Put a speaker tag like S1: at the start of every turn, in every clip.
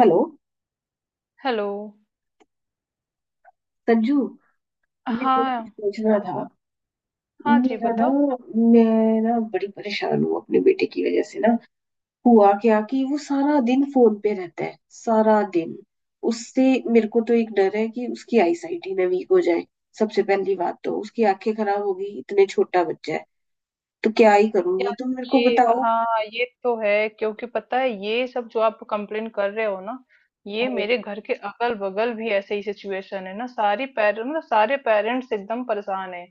S1: Hello.
S2: Hello.
S1: Sanju, मेरे को ना
S2: हाँ,
S1: कुछ पूछना था।
S2: बताओ। हाँ जी,
S1: मेरा ना,
S2: बताओ।
S1: मैं ना बड़ी परेशान हूँ अपने बेटे की वजह से ना। हुआ क्या कि वो सारा दिन फोन पे रहता है सारा दिन। उससे मेरे को तो एक डर है कि उसकी आईसाइट ही ना वीक हो जाए। सबसे पहली बात तो उसकी आंखें खराब होगी, इतने छोटा बच्चा है। तो क्या ही करूंगी,
S2: यार,
S1: तुम मेरे को
S2: ये
S1: बताओ।
S2: हाँ, ये तो है क्योंकि पता है ये सब जो आप कंप्लेन कर रहे हो ना, ये
S1: हाँ,
S2: मेरे घर के अगल बगल भी ऐसे ही सिचुएशन है ना, सारी पेरेंट मतलब सारे पेरेंट्स एकदम परेशान है।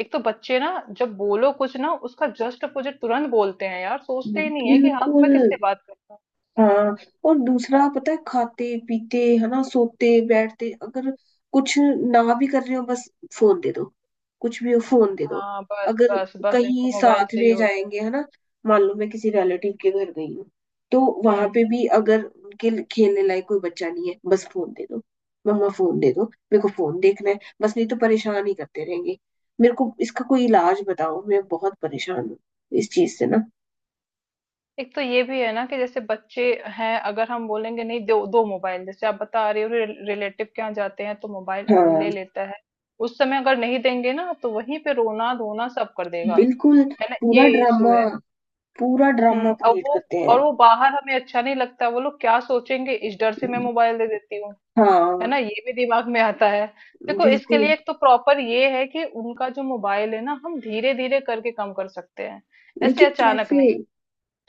S2: एक तो बच्चे ना, जब बोलो कुछ ना उसका जस्ट अपोजिट तुरंत बोलते हैं, यार सोचते ही नहीं है कि हाँ
S1: बिल्कुल।
S2: मैं किससे बात करता हूँ।
S1: हाँ। और दूसरा पता है खाते पीते है ना सोते बैठते, अगर कुछ ना भी कर रहे हो बस फोन दे दो। कुछ भी हो फोन दे दो।
S2: हाँ, बस
S1: अगर
S2: बस बस इनको
S1: कहीं
S2: मोबाइल
S1: साथ
S2: चाहिए
S1: में
S2: होता है।
S1: जाएंगे है ना, मान लो मैं किसी रिलेटिव के घर गई हूँ, तो वहां
S2: हम्म।
S1: पे भी अगर उनके लिए खेलने लायक कोई बच्चा नहीं है, बस फोन दे दो। मम्मा फोन दे दो, मेरे को फोन देखना है, बस नहीं तो परेशान ही करते रहेंगे। मेरे को इसका कोई इलाज बताओ, मैं बहुत परेशान हूँ इस चीज से ना।
S2: एक तो ये भी है ना कि जैसे बच्चे हैं, अगर हम बोलेंगे नहीं, दो दो मोबाइल जैसे आप बता रहे हो रिलेटिव के यहाँ जाते हैं तो मोबाइल
S1: हाँ
S2: ले लेता है। उस समय अगर नहीं देंगे ना, तो वहीं पे रोना धोना सब कर देगा।
S1: बिल्कुल।
S2: है ना,
S1: पूरा
S2: ये इशू
S1: ड्रामा।
S2: है।
S1: पूरा
S2: हम्म।
S1: ड्रामा
S2: और
S1: क्रिएट
S2: वो
S1: करते
S2: और
S1: हैं।
S2: वो बाहर हमें अच्छा नहीं लगता, वो लोग क्या सोचेंगे इस डर से मैं मोबाइल दे देती हूँ। है
S1: हाँ
S2: ना, ये भी दिमाग में आता है। देखो, इसके
S1: बिल्कुल।
S2: लिए एक तो प्रॉपर ये है कि उनका जो मोबाइल है ना, हम धीरे धीरे करके कम कर सकते हैं। ऐसे
S1: लेकिन
S2: अचानक
S1: कैसे?
S2: नहीं।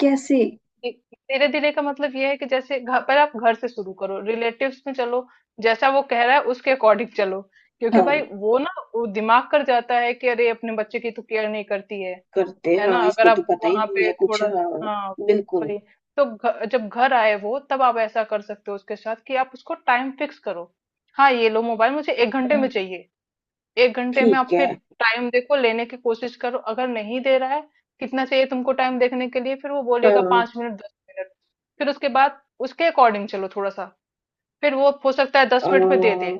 S1: कैसे?
S2: धीरे धीरे का मतलब ये है कि जैसे घर पर, आप घर से शुरू करो, रिलेटिव्स में चलो, जैसा वो कह रहा है उसके अकॉर्डिंग चलो। क्योंकि
S1: हाँ,
S2: भाई वो ना वो दिमाग कर जाता है कि अरे अपने बच्चे की तो केयर नहीं करती है।
S1: करते।
S2: है
S1: हाँ,
S2: ना, अगर
S1: इसको तो
S2: आप
S1: पता ही
S2: वहां
S1: नहीं
S2: पे
S1: है कुछ।
S2: थोड़ा,
S1: हाँ
S2: हाँ,
S1: बिल्कुल।
S2: भाई, तो जब घर आए वो, तब आप ऐसा कर सकते हो उसके साथ कि आप उसको टाइम फिक्स करो। हाँ ये लो मोबाइल, मुझे 1 घंटे
S1: हाँ,
S2: में चाहिए। 1 घंटे में
S1: ठीक
S2: आप
S1: है।
S2: फिर टाइम देखो, लेने की कोशिश करो, अगर नहीं दे रहा है, कितना चाहिए तुमको टाइम देखने के लिए? फिर वो बोलेगा
S1: हाँ।
S2: 5 मिनट, 10 मिनट, फिर उसके बाद उसके अकॉर्डिंग चलो थोड़ा-सा, फिर वो हो सकता है 10 मिनट में दे दे,
S1: हाँ,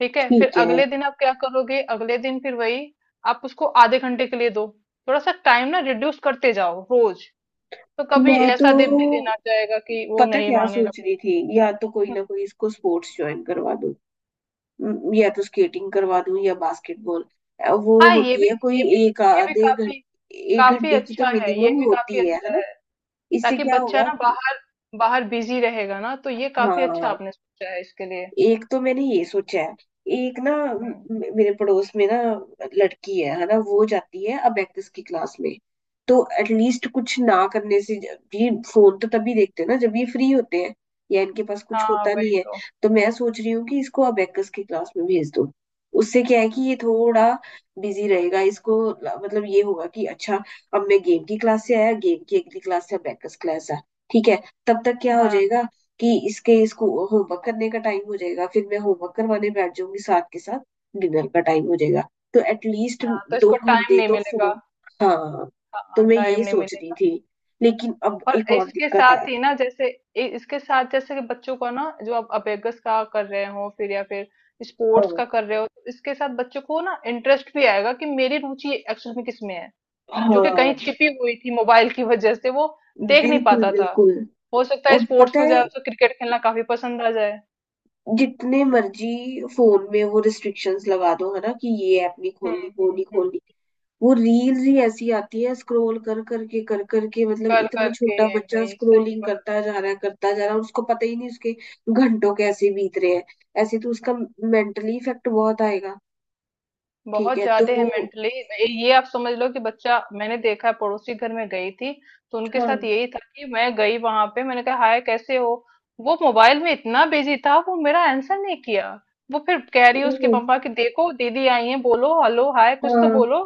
S2: ठीक है? फिर
S1: ठीक है।
S2: अगले दिन आप क्या करोगे? अगले दिन फिर वही, आप उसको आधे घंटे के लिए दो, थोड़ा-सा टाइम ना रिड्यूस करते जाओ रोज़, तो कभी
S1: मैं
S2: ऐसा दे भी
S1: तो
S2: देना जाएगा कि वो
S1: पता
S2: नहीं
S1: क्या
S2: माँगेगा
S1: सोच
S2: फिर।
S1: रही थी, या तो कोई
S2: हुँ,
S1: ना कोई इसको स्पोर्ट्स ज्वाइन करवा दूं। या तो स्केटिंग करवा दूं या बास्केटबॉल। वो
S2: हाँ,
S1: होती है कोई
S2: ये भी
S1: एक
S2: ये भी
S1: आधे
S2: काफ़ी
S1: घंटे एक
S2: काफ़ी
S1: घंटे की तो
S2: अच्छा है, ये
S1: मिनिमम
S2: भी काफ़ी
S1: होती है
S2: अच्छा
S1: ना।
S2: है।
S1: इससे
S2: ताकि
S1: क्या
S2: बच्चा
S1: होगा
S2: ना
S1: कि।
S2: बाहर बाहर बिजी रहेगा ना, तो ये काफी अच्छा
S1: हाँ,
S2: आपने सोचा है इसके लिए।
S1: एक तो मैंने ये सोचा है। एक ना
S2: हम्म।
S1: मेरे पड़ोस में ना लड़की है ना, वो जाती है अबेकस की क्लास में। तो एटलीस्ट कुछ ना करने से ये फोन तो तभी देखते हैं ना जब ये फ्री होते हैं, या इनके पास कुछ
S2: हाँ
S1: होता
S2: वही
S1: नहीं है।
S2: तो।
S1: तो मैं सोच रही हूँ कि इसको अबेकस की क्लास में भेज दूँ। उससे क्या है कि ये थोड़ा बिजी रहेगा, इसको मतलब ये होगा कि अच्छा, अब मैं गेम की क्लास से आया, गेम की अगली क्लास से अबेकस क्लास है, ठीक है। तब तक क्या हो
S2: हाँ
S1: जाएगा कि इसके इसको होमवर्क करने का टाइम हो जाएगा, फिर मैं होमवर्क करवाने बैठ जाऊंगी साथ के साथ। डिनर का टाइम हो जाएगा। तो एटलीस्ट
S2: हाँ, तो
S1: दो
S2: इसको टाइम
S1: घंटे
S2: नहीं
S1: तो
S2: मिलेगा।
S1: फोन। हाँ, तो
S2: हाँ,
S1: मैं
S2: टाइम
S1: ये
S2: नहीं
S1: सोच रही
S2: मिलेगा।
S1: थी। लेकिन अब
S2: और
S1: एक और
S2: इसके
S1: दिक्कत है।
S2: साथ ही ना, जैसे इसके साथ, जैसे कि बच्चों को ना जो आप अबेगस का कर रहे हो फिर, या फिर स्पोर्ट्स
S1: हाँ।
S2: का कर रहे हो, तो इसके साथ बच्चों को ना इंटरेस्ट भी आएगा कि मेरी रुचि एक्चुअल में किस में है, जो
S1: हाँ
S2: कि कहीं छिपी हुई थी मोबाइल की वजह से। वो देख नहीं
S1: बिल्कुल
S2: पाता था।
S1: बिल्कुल।
S2: हो सकता है
S1: और
S2: स्पोर्ट्स
S1: पता
S2: में
S1: है
S2: जाए, उसे क्रिकेट खेलना काफी पसंद आ जाए।
S1: जितने मर्जी फोन में वो रिस्ट्रिक्शंस लगा दो है ना, कि ये ऐप नहीं
S2: हुँ,
S1: खोलनी, वो
S2: हुँ,
S1: नहीं
S2: हुँ।
S1: खोलनी। वो रील्स ही ऐसी आती है, स्क्रॉल कर करके कर करके, मतलब
S2: कर,
S1: इतना
S2: कर के
S1: छोटा
S2: ये,
S1: बच्चा
S2: भाई सही
S1: स्क्रोलिंग
S2: बात
S1: करता
S2: है।
S1: जा रहा है, करता जा रहा है, उसको पता ही नहीं उसके घंटों कैसे बीत रहे हैं। ऐसे तो उसका मेंटली इफेक्ट बहुत आएगा। ठीक
S2: बहुत
S1: है तो
S2: ज़्यादा है
S1: वो।
S2: मेंटली। ये आप समझ लो कि बच्चा, मैंने देखा है पड़ोसी घर में गई थी, तो उनके साथ
S1: हाँ।
S2: यही था कि मैं गई वहाँ पे, मैंने कहा हाय कैसे हो? वो मोबाइल में इतना बिज़ी था वो मेरा आंसर नहीं किया। वो फिर कह रही है उसकी
S1: ओ।
S2: मम्मा कि देखो दीदी आई हैं, बोलो हेलो हाय, कुछ तो
S1: हाँ।
S2: बोलो।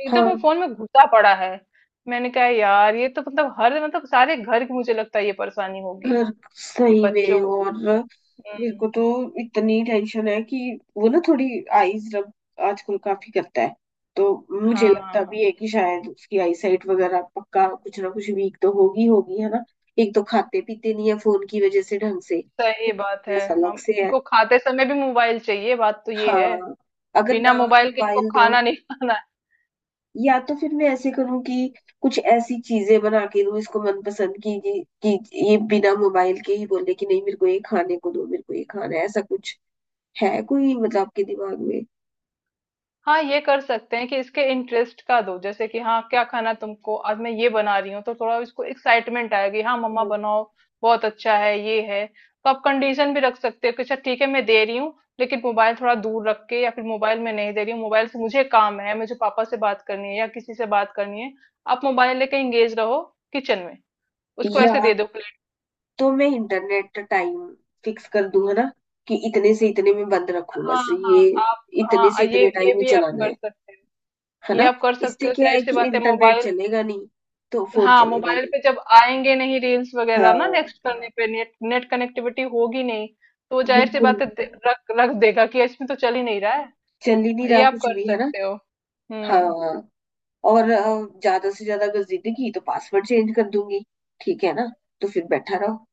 S2: एकदम
S1: हाँ।
S2: वो फ़ोन में घुसा पड़ा है। मैंने कहा यार ये तो मतलब, हर मतलब सारे घर की, मुझे लगता है ये परेशानी होगी,
S1: यार
S2: कि
S1: सही में।
S2: बच्चों,
S1: और मेरे
S2: हुँ।
S1: को तो इतनी टेंशन है कि वो ना थोड़ी आईज रब आजकल काफी करता है। तो मुझे
S2: हाँ।
S1: लगता
S2: हाँ।
S1: भी है कि शायद उसकी आई साइट वगैरह पक्का कुछ ना कुछ वीक तो होगी होगी, है ना। एक तो खाते पीते नहीं है फोन की वजह से ढंग से, तो
S2: सही बात है।
S1: weakness
S2: हम,
S1: अलग से है।
S2: इनको खाते समय भी मोबाइल चाहिए, बात तो ये है।
S1: हाँ, अगर ना
S2: बिना मोबाइल के इनको
S1: मोबाइल दो,
S2: खाना नहीं खाना है।
S1: या तो फिर मैं ऐसे करूं कि कुछ ऐसी चीजें बना के दूं इसको मनपसंद की, कि ये बिना मोबाइल के ही बोले कि नहीं, मेरे को ये खाने को दो, मेरे को ये खाना है, ऐसा कुछ है कोई मतलब आपके दिमाग में।
S2: हाँ, ये कर सकते हैं कि इसके इंटरेस्ट का दो, जैसे कि हाँ क्या खाना तुमको, आज मैं ये बना रही हूँ, तो थोड़ा इसको एक्साइटमेंट आएगी, हाँ मम्मा बनाओ। बहुत अच्छा है, ये है। तो आप कंडीशन भी रख सकते हो कि अच्छा ठीक है मैं दे रही हूँ, लेकिन मोबाइल थोड़ा दूर रख के, या फिर मोबाइल में नहीं दे रही हूँ, मोबाइल से मुझे काम है, मुझे पापा से बात करनी है या किसी से बात करनी है, आप मोबाइल लेके एंगेज रहो, किचन में उसको
S1: या
S2: ऐसे दे दो।
S1: तो मैं इंटरनेट का टाइम फिक्स कर दूं, है ना, कि इतने से इतने में बंद रखूं,
S2: हाँ
S1: बस
S2: हाँ
S1: ये
S2: आप,
S1: इतने से
S2: हाँ
S1: इतने
S2: ये
S1: टाइम ही
S2: भी आप
S1: चलाना
S2: कर
S1: है
S2: सकते हो।
S1: है
S2: ये
S1: ना।
S2: आप कर
S1: इससे
S2: सकते हो,
S1: क्या है
S2: जाहिर सी
S1: कि
S2: बात है
S1: इंटरनेट
S2: मोबाइल।
S1: चलेगा नहीं, तो फोन
S2: हाँ,
S1: चलेगा
S2: मोबाइल
S1: नहीं।
S2: पे जब आएंगे नहीं रील्स वगैरह ना,
S1: हाँ
S2: नेक्स्ट करने पे नेट नेट कनेक्टिविटी होगी नहीं, तो जाहिर सी
S1: बिल्कुल।
S2: बात है रख रख देगा कि इसमें तो चल ही नहीं रहा है।
S1: चल ही नहीं
S2: ये
S1: रहा
S2: आप
S1: कुछ
S2: कर
S1: भी, है ना।
S2: सकते हो।
S1: हाँ,
S2: हम्म।
S1: और ज्यादा से ज्यादा अगर जिंदगी तो पासवर्ड चेंज कर दूंगी, ठीक है ना। तो फिर बैठा रहो,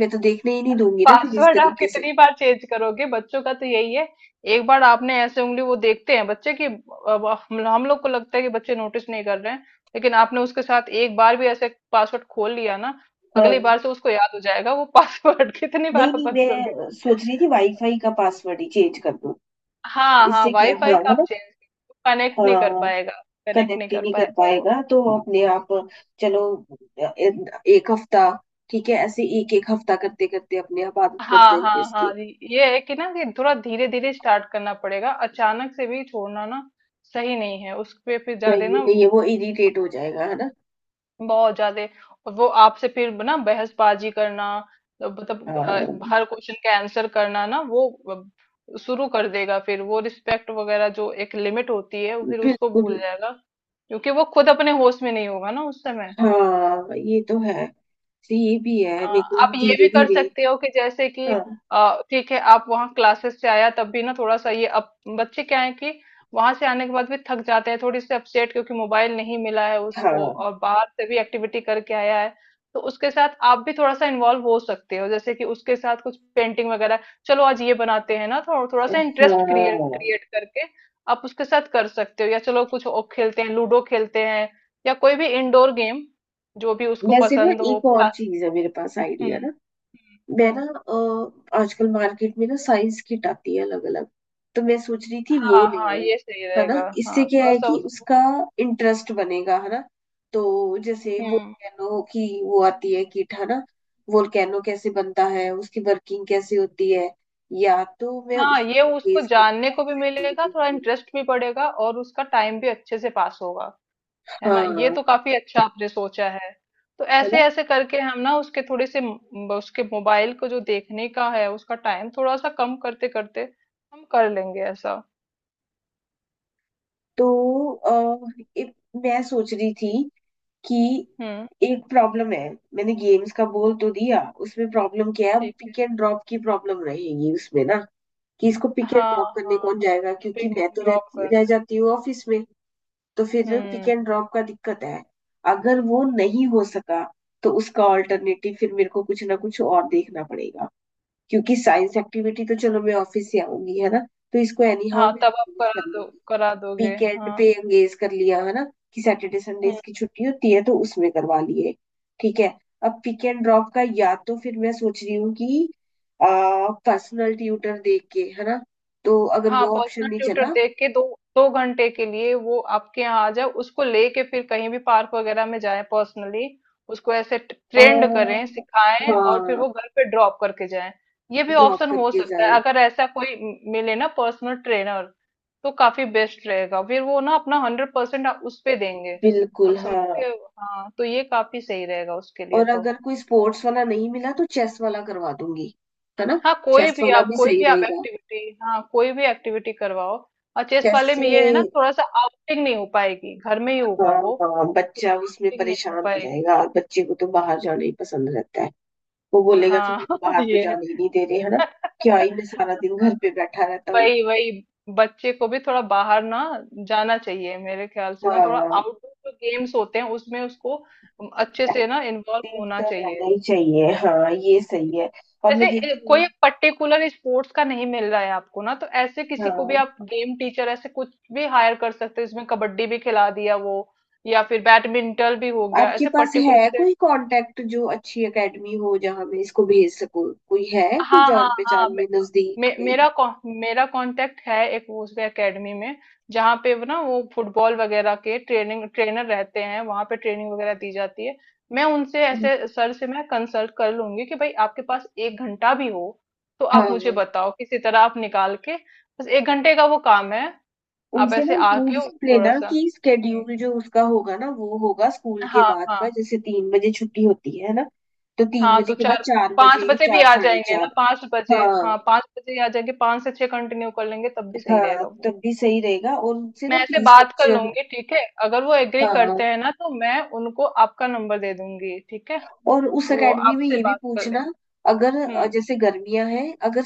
S1: मैं तो देखने ही नहीं दूंगी ना फिर इस
S2: पासवर्ड आप
S1: तरीके से।
S2: कितनी बार चेंज करोगे, बच्चों का तो यही है, एक बार आपने ऐसे उंगली, वो देखते हैं बच्चे की। अब हम लोग को लगता है कि बच्चे नोटिस नहीं कर रहे हैं, लेकिन आपने उसके साथ एक बार भी ऐसे पासवर्ड खोल लिया ना,
S1: हाँ।
S2: अगली बार से उसको याद हो जाएगा वो पासवर्ड। कितनी बार
S1: नहीं
S2: आप
S1: नहीं,
S2: बदलोगे।
S1: मैं सोच रही थी वाईफाई का पासवर्ड ही चेंज कर दूं।
S2: हाँ हाँ,
S1: इससे क्या,
S2: वाईफाई
S1: हाँ,
S2: का
S1: है
S2: आप
S1: ना।
S2: चेंज, कनेक्ट नहीं कर
S1: हाँ।
S2: पाएगा। कनेक्ट नहीं
S1: कनेक्ट ही
S2: कर
S1: नहीं कर
S2: पाएगा वो।
S1: पाएगा तो अपने आप। चलो अ, ए- 1 हफ्ता, ठीक है। ऐसे 1-1 हफ्ता करते करते अपने आप आदत बन
S2: हाँ हाँ
S1: जाएगी
S2: हाँ
S1: इसकी।
S2: जी, ये है कि ना कि थोड़ा धीरे धीरे स्टार्ट करना पड़ेगा, अचानक से भी छोड़ना ना सही नहीं है, उस पे फिर ज्यादा
S1: सही
S2: ना,
S1: नहीं है, वो इरिटेट हो जाएगा, है ना।
S2: बहुत ज्यादा। और वो आपसे फिर ना बहसबाजी करना, मतलब
S1: हाँ
S2: हर क्वेश्चन का आंसर करना ना, वो शुरू कर देगा। फिर वो रिस्पेक्ट वगैरह जो एक लिमिट होती है वो फिर उसको
S1: बिल्कुल।
S2: भूल जाएगा, क्योंकि वो खुद अपने होश में नहीं होगा ना उस समय।
S1: हाँ ये तो है, तो ये भी है
S2: हाँ,
S1: मेरे को
S2: आप ये
S1: धीरे
S2: भी कर
S1: धीरे।
S2: सकते हो कि जैसे कि
S1: हाँ।
S2: ठीक है, आप वहाँ क्लासेस से आया तब भी ना थोड़ा सा ये अब, बच्चे क्या है कि वहां से आने के बाद भी थक जाते हैं, थोड़ी सी अपसेट, क्योंकि मोबाइल नहीं मिला है उसको
S1: हाँ।
S2: और बाहर से भी एक्टिविटी करके आया है। तो उसके साथ आप भी थोड़ा सा इन्वॉल्व हो सकते हो, जैसे कि उसके साथ कुछ पेंटिंग वगैरह, चलो आज ये बनाते हैं ना, थोड़ा थोड़ा सा इंटरेस्ट क्रिएट
S1: हाँ।
S2: क्रिएट करके आप उसके साथ कर सकते हो। या चलो कुछ और खेलते हैं, लूडो खेलते हैं, या कोई भी इंडोर गेम, जो भी उसको
S1: वैसे ना
S2: पसंद हो।
S1: एक और चीज है मेरे पास आइडिया ना।
S2: हुँ। हुँ,
S1: मैं ना
S2: हुँ।
S1: आजकल मार्केट में ना साइज किट आती है अलग अलग। तो मैं सोच रही थी वो
S2: हाँ,
S1: ले
S2: हाँ,
S1: आऊं,
S2: ये सही
S1: है ना।
S2: रहेगा।
S1: इससे
S2: हाँ,
S1: क्या है
S2: थोड़ा-सा
S1: कि
S2: उसको,
S1: उसका इंटरेस्ट बनेगा, है ना। तो जैसे
S2: हुँ।
S1: वोल्केनो की वो आती है किट, है ना। वोल्केनो कैसे बनता है, उसकी वर्किंग कैसे होती है, या तो मैं
S2: हाँ,
S1: उसमें
S2: ये उसको
S1: एंगेज करूँ
S2: जानने को भी
S1: साइंस
S2: मिलेगा,
S1: एक्टिविटीज
S2: थोड़ा
S1: में।
S2: इंटरेस्ट भी बढ़ेगा और उसका टाइम भी अच्छे से पास होगा, है ना? ये
S1: हाँ
S2: तो काफ़ी अच्छा आपने सोचा है। तो
S1: है ना।
S2: ऐसे-ऐसे करके हम ना उसके थोड़े से म, उसके मोबाइल को जो देखने का है, उसका टाइम थोड़ा-सा कम करते-करते हम कर लेंगे ऐसा।
S1: तो अ, एक- मैं सोच रही थी कि
S2: हुँ,
S1: एक प्रॉब्लम है। मैंने गेम्स का बोल तो दिया, उसमें प्रॉब्लम क्या है, अब
S2: ठीक है।
S1: पिक एंड ड्रॉप की प्रॉब्लम रहेगी उसमें ना, कि इसको पिक एंड
S2: हाँ,
S1: ड्रॉप करने कौन
S2: हाँ,
S1: जाएगा, क्योंकि
S2: पिक
S1: मैं
S2: एंड
S1: तो
S2: ड्रॉप
S1: रह
S2: करना है।
S1: जाती हूँ ऑफिस में। तो फिर पिक
S2: हुँ,
S1: एंड ड्रॉप का दिक्कत है। अगर वो नहीं हो सका, तो उसका
S2: हुँ।
S1: ऑल्टरनेटिव फिर मेरे को कुछ ना कुछ और देखना पड़ेगा। क्योंकि साइंस एक्टिविटी तो चलो मैं ऑफिस से आऊंगी, है ना, तो इसको एनी हाउ
S2: हाँ,
S1: मैं
S2: तब आप
S1: arrange कर
S2: करा दो
S1: लूंगी।
S2: करा दोगे।
S1: वीकेंड
S2: हाँ,
S1: पे एंगेज कर लिया है ना, कि सैटरडे संडे इसकी
S2: हुँ।
S1: छुट्टी होती है, तो उसमें करवा लिए। ठीक है। अब पिक एंड ड्रॉप का, या तो फिर मैं सोच रही हूँ कि पर्सनल ट्यूटर देख के, है ना। तो अगर
S2: हाँ,
S1: वो ऑप्शन
S2: पर्सनल
S1: नहीं
S2: ट्यूटर
S1: चला।
S2: देख के दो, 2 घंटे के लिए वो आपके यहाँ आ जाए, उसको लेके फिर कहीं भी पार्क वगैरह में जाए पर्सनली, उसको ऐसे
S1: आ,
S2: ट्रेंड करें सिखाएं, और फिर
S1: हाँ,
S2: वो घर पे ड्रॉप करके जाए। ये भी
S1: ड्रॉप
S2: ऑप्शन हो
S1: करके
S2: सकता है,
S1: जाए।
S2: अगर ऐसा कोई मिले ना पर्सनल ट्रेनर, तो काफी बेस्ट रहेगा, फिर वो ना अपना 100% उस पे देंगे।
S1: बिल्कुल
S2: आप
S1: हाँ।
S2: समझते हो, हाँ, तो ये काफी सही रहेगा उसके लिए
S1: और
S2: तो।
S1: अगर कोई स्पोर्ट्स वाला नहीं मिला तो चेस वाला करवा दूंगी, है ना।
S2: हाँ, कोई
S1: चेस
S2: भी
S1: वाला
S2: आप
S1: भी
S2: कोई
S1: सही
S2: भी आप
S1: रहेगा।
S2: एक्टिविटी, हाँ कोई भी एक्टिविटी करवाओ। और चेस
S1: चेस
S2: वाले
S1: से
S2: में ये है ना, थोड़ा सा आउटिंग नहीं हो पाएगी, घर में ही
S1: हाँ।
S2: होगा वो,
S1: हाँ,
S2: थोड़ी
S1: बच्चा उसमें
S2: आउटिंग नहीं
S1: परेशान
S2: हो
S1: हो
S2: पाएगी।
S1: जाएगा, और बच्चे को तो बाहर जाना ही पसंद रहता है। वो बोलेगा कि
S2: हाँ
S1: मेरे को बाहर तो
S2: ये है।
S1: जाने ही नहीं दे रहे, है ना, क्या ही मैं सारा दिन घर पे बैठा रहता हूँ।
S2: वही वही, बच्चे को भी थोड़ा बाहर ना जाना चाहिए, मेरे ख्याल से ना थोड़ा
S1: हाँ,
S2: आउटडोर जो गेम्स होते हैं उसमें उसको अच्छे से ना इन्वॉल्व
S1: एक्टिव
S2: होना
S1: तो रहना
S2: चाहिए।
S1: ही चाहिए, हाँ ये सही है। और मैं
S2: जैसे
S1: देखती
S2: कोई
S1: हूँ।
S2: एक पर्टिकुलर स्पोर्ट्स का नहीं मिल रहा है आपको ना, तो ऐसे किसी को भी
S1: हाँ,
S2: आप गेम टीचर ऐसे कुछ भी हायर कर सकते हो, इसमें कबड्डी भी खिला दिया वो, या फिर बैडमिंटन भी हो गया
S1: आपके
S2: ऐसे
S1: पास
S2: पर्टिकुलर
S1: है
S2: से।
S1: कोई कांटेक्ट जो अच्छी एकेडमी हो जहाँ मैं इसको भेज सकूँ? कोई है कोई
S2: हाँ हाँ
S1: जान
S2: हाँ
S1: पहचान
S2: मे,
S1: में नजदीक
S2: मे,
S1: कहीं?
S2: मेरा कॉ- मेरा कांटेक्ट है एक उस एकेडमी में, जहाँ पे वो ना वो फुटबॉल वगैरह के ट्रेनिंग ट्रेनर रहते हैं, वहाँ पे ट्रेनिंग वगैरह दी जाती है। मैं उनसे ऐसे सर से मैं कंसल्ट कर लूंगी कि भाई आपके पास 1 घंटा भी हो तो आप मुझे
S1: हाँ,
S2: बताओ, किसी तरह आप निकाल के, बस 1 घंटे का वो काम है। आप
S1: उनसे ना
S2: ऐसे
S1: हम पूछ
S2: आके थोड़ा
S1: लेना
S2: सा,
S1: कि
S2: हम्म,
S1: स्केड्यूल जो उसका होगा ना वो होगा स्कूल के
S2: हाँ
S1: बाद
S2: हाँ
S1: का, जैसे 3 बजे छुट्टी होती है ना। तो तीन
S2: हाँ
S1: बजे
S2: तो
S1: के बाद
S2: चार
S1: चार
S2: पाँच
S1: बजे
S2: बजे भी
S1: चार
S2: आ
S1: साढ़े
S2: जाएंगे
S1: चार
S2: ना, 5 बजे,
S1: हाँ।
S2: हाँ 5 बजे ही आ जाएंगे, 5 से 6 कंटिन्यू कर लेंगे, तब भी सही
S1: हाँ,
S2: रहेगा वो।
S1: तब भी सही रहेगा, और उनसे
S2: मैं
S1: ना
S2: ऐसे
S1: फीस
S2: बात कर
S1: स्ट्रक्चर।
S2: लूंगी, ठीक है अगर वो एग्री करते
S1: हाँ,
S2: हैं ना, तो मैं उनको आपका नंबर दे दूंगी, ठीक है,
S1: और उस
S2: तो वो
S1: एकेडमी में
S2: आपसे
S1: ये भी
S2: बात कर
S1: पूछना,
S2: लेंगे।
S1: अगर
S2: हम्म।
S1: जैसे गर्मियां हैं, अगर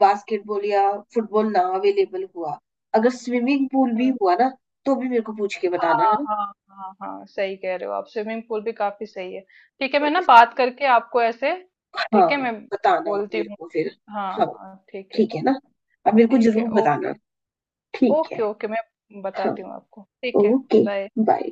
S1: बास्केटबॉल या फुटबॉल ना अवेलेबल हुआ, अगर स्विमिंग पूल भी
S2: हम्म।
S1: हुआ ना, तो भी मेरे को पूछ के बताना,
S2: हाँ
S1: है ना।
S2: हाँ। हाँ हाँ सही कह रहे हो आप, स्विमिंग पूल भी काफी सही है। ठीक है
S1: तो,
S2: मैं ना बात करके आपको ऐसे, ठीक है
S1: हाँ,
S2: मैं
S1: बताना आप
S2: बोलती
S1: मेरे
S2: हूँ।
S1: को फिर।
S2: हाँ
S1: हाँ,
S2: हाँ ठीक है।
S1: ठीक है ना, अब मेरे को
S2: ठीक है,
S1: जरूर बताना।
S2: ओके।
S1: ठीक
S2: ओके
S1: है।
S2: ओके मैं
S1: हाँ।
S2: बताती हूँ आपको, ठीक है।
S1: ओके।
S2: बाय।
S1: बाय।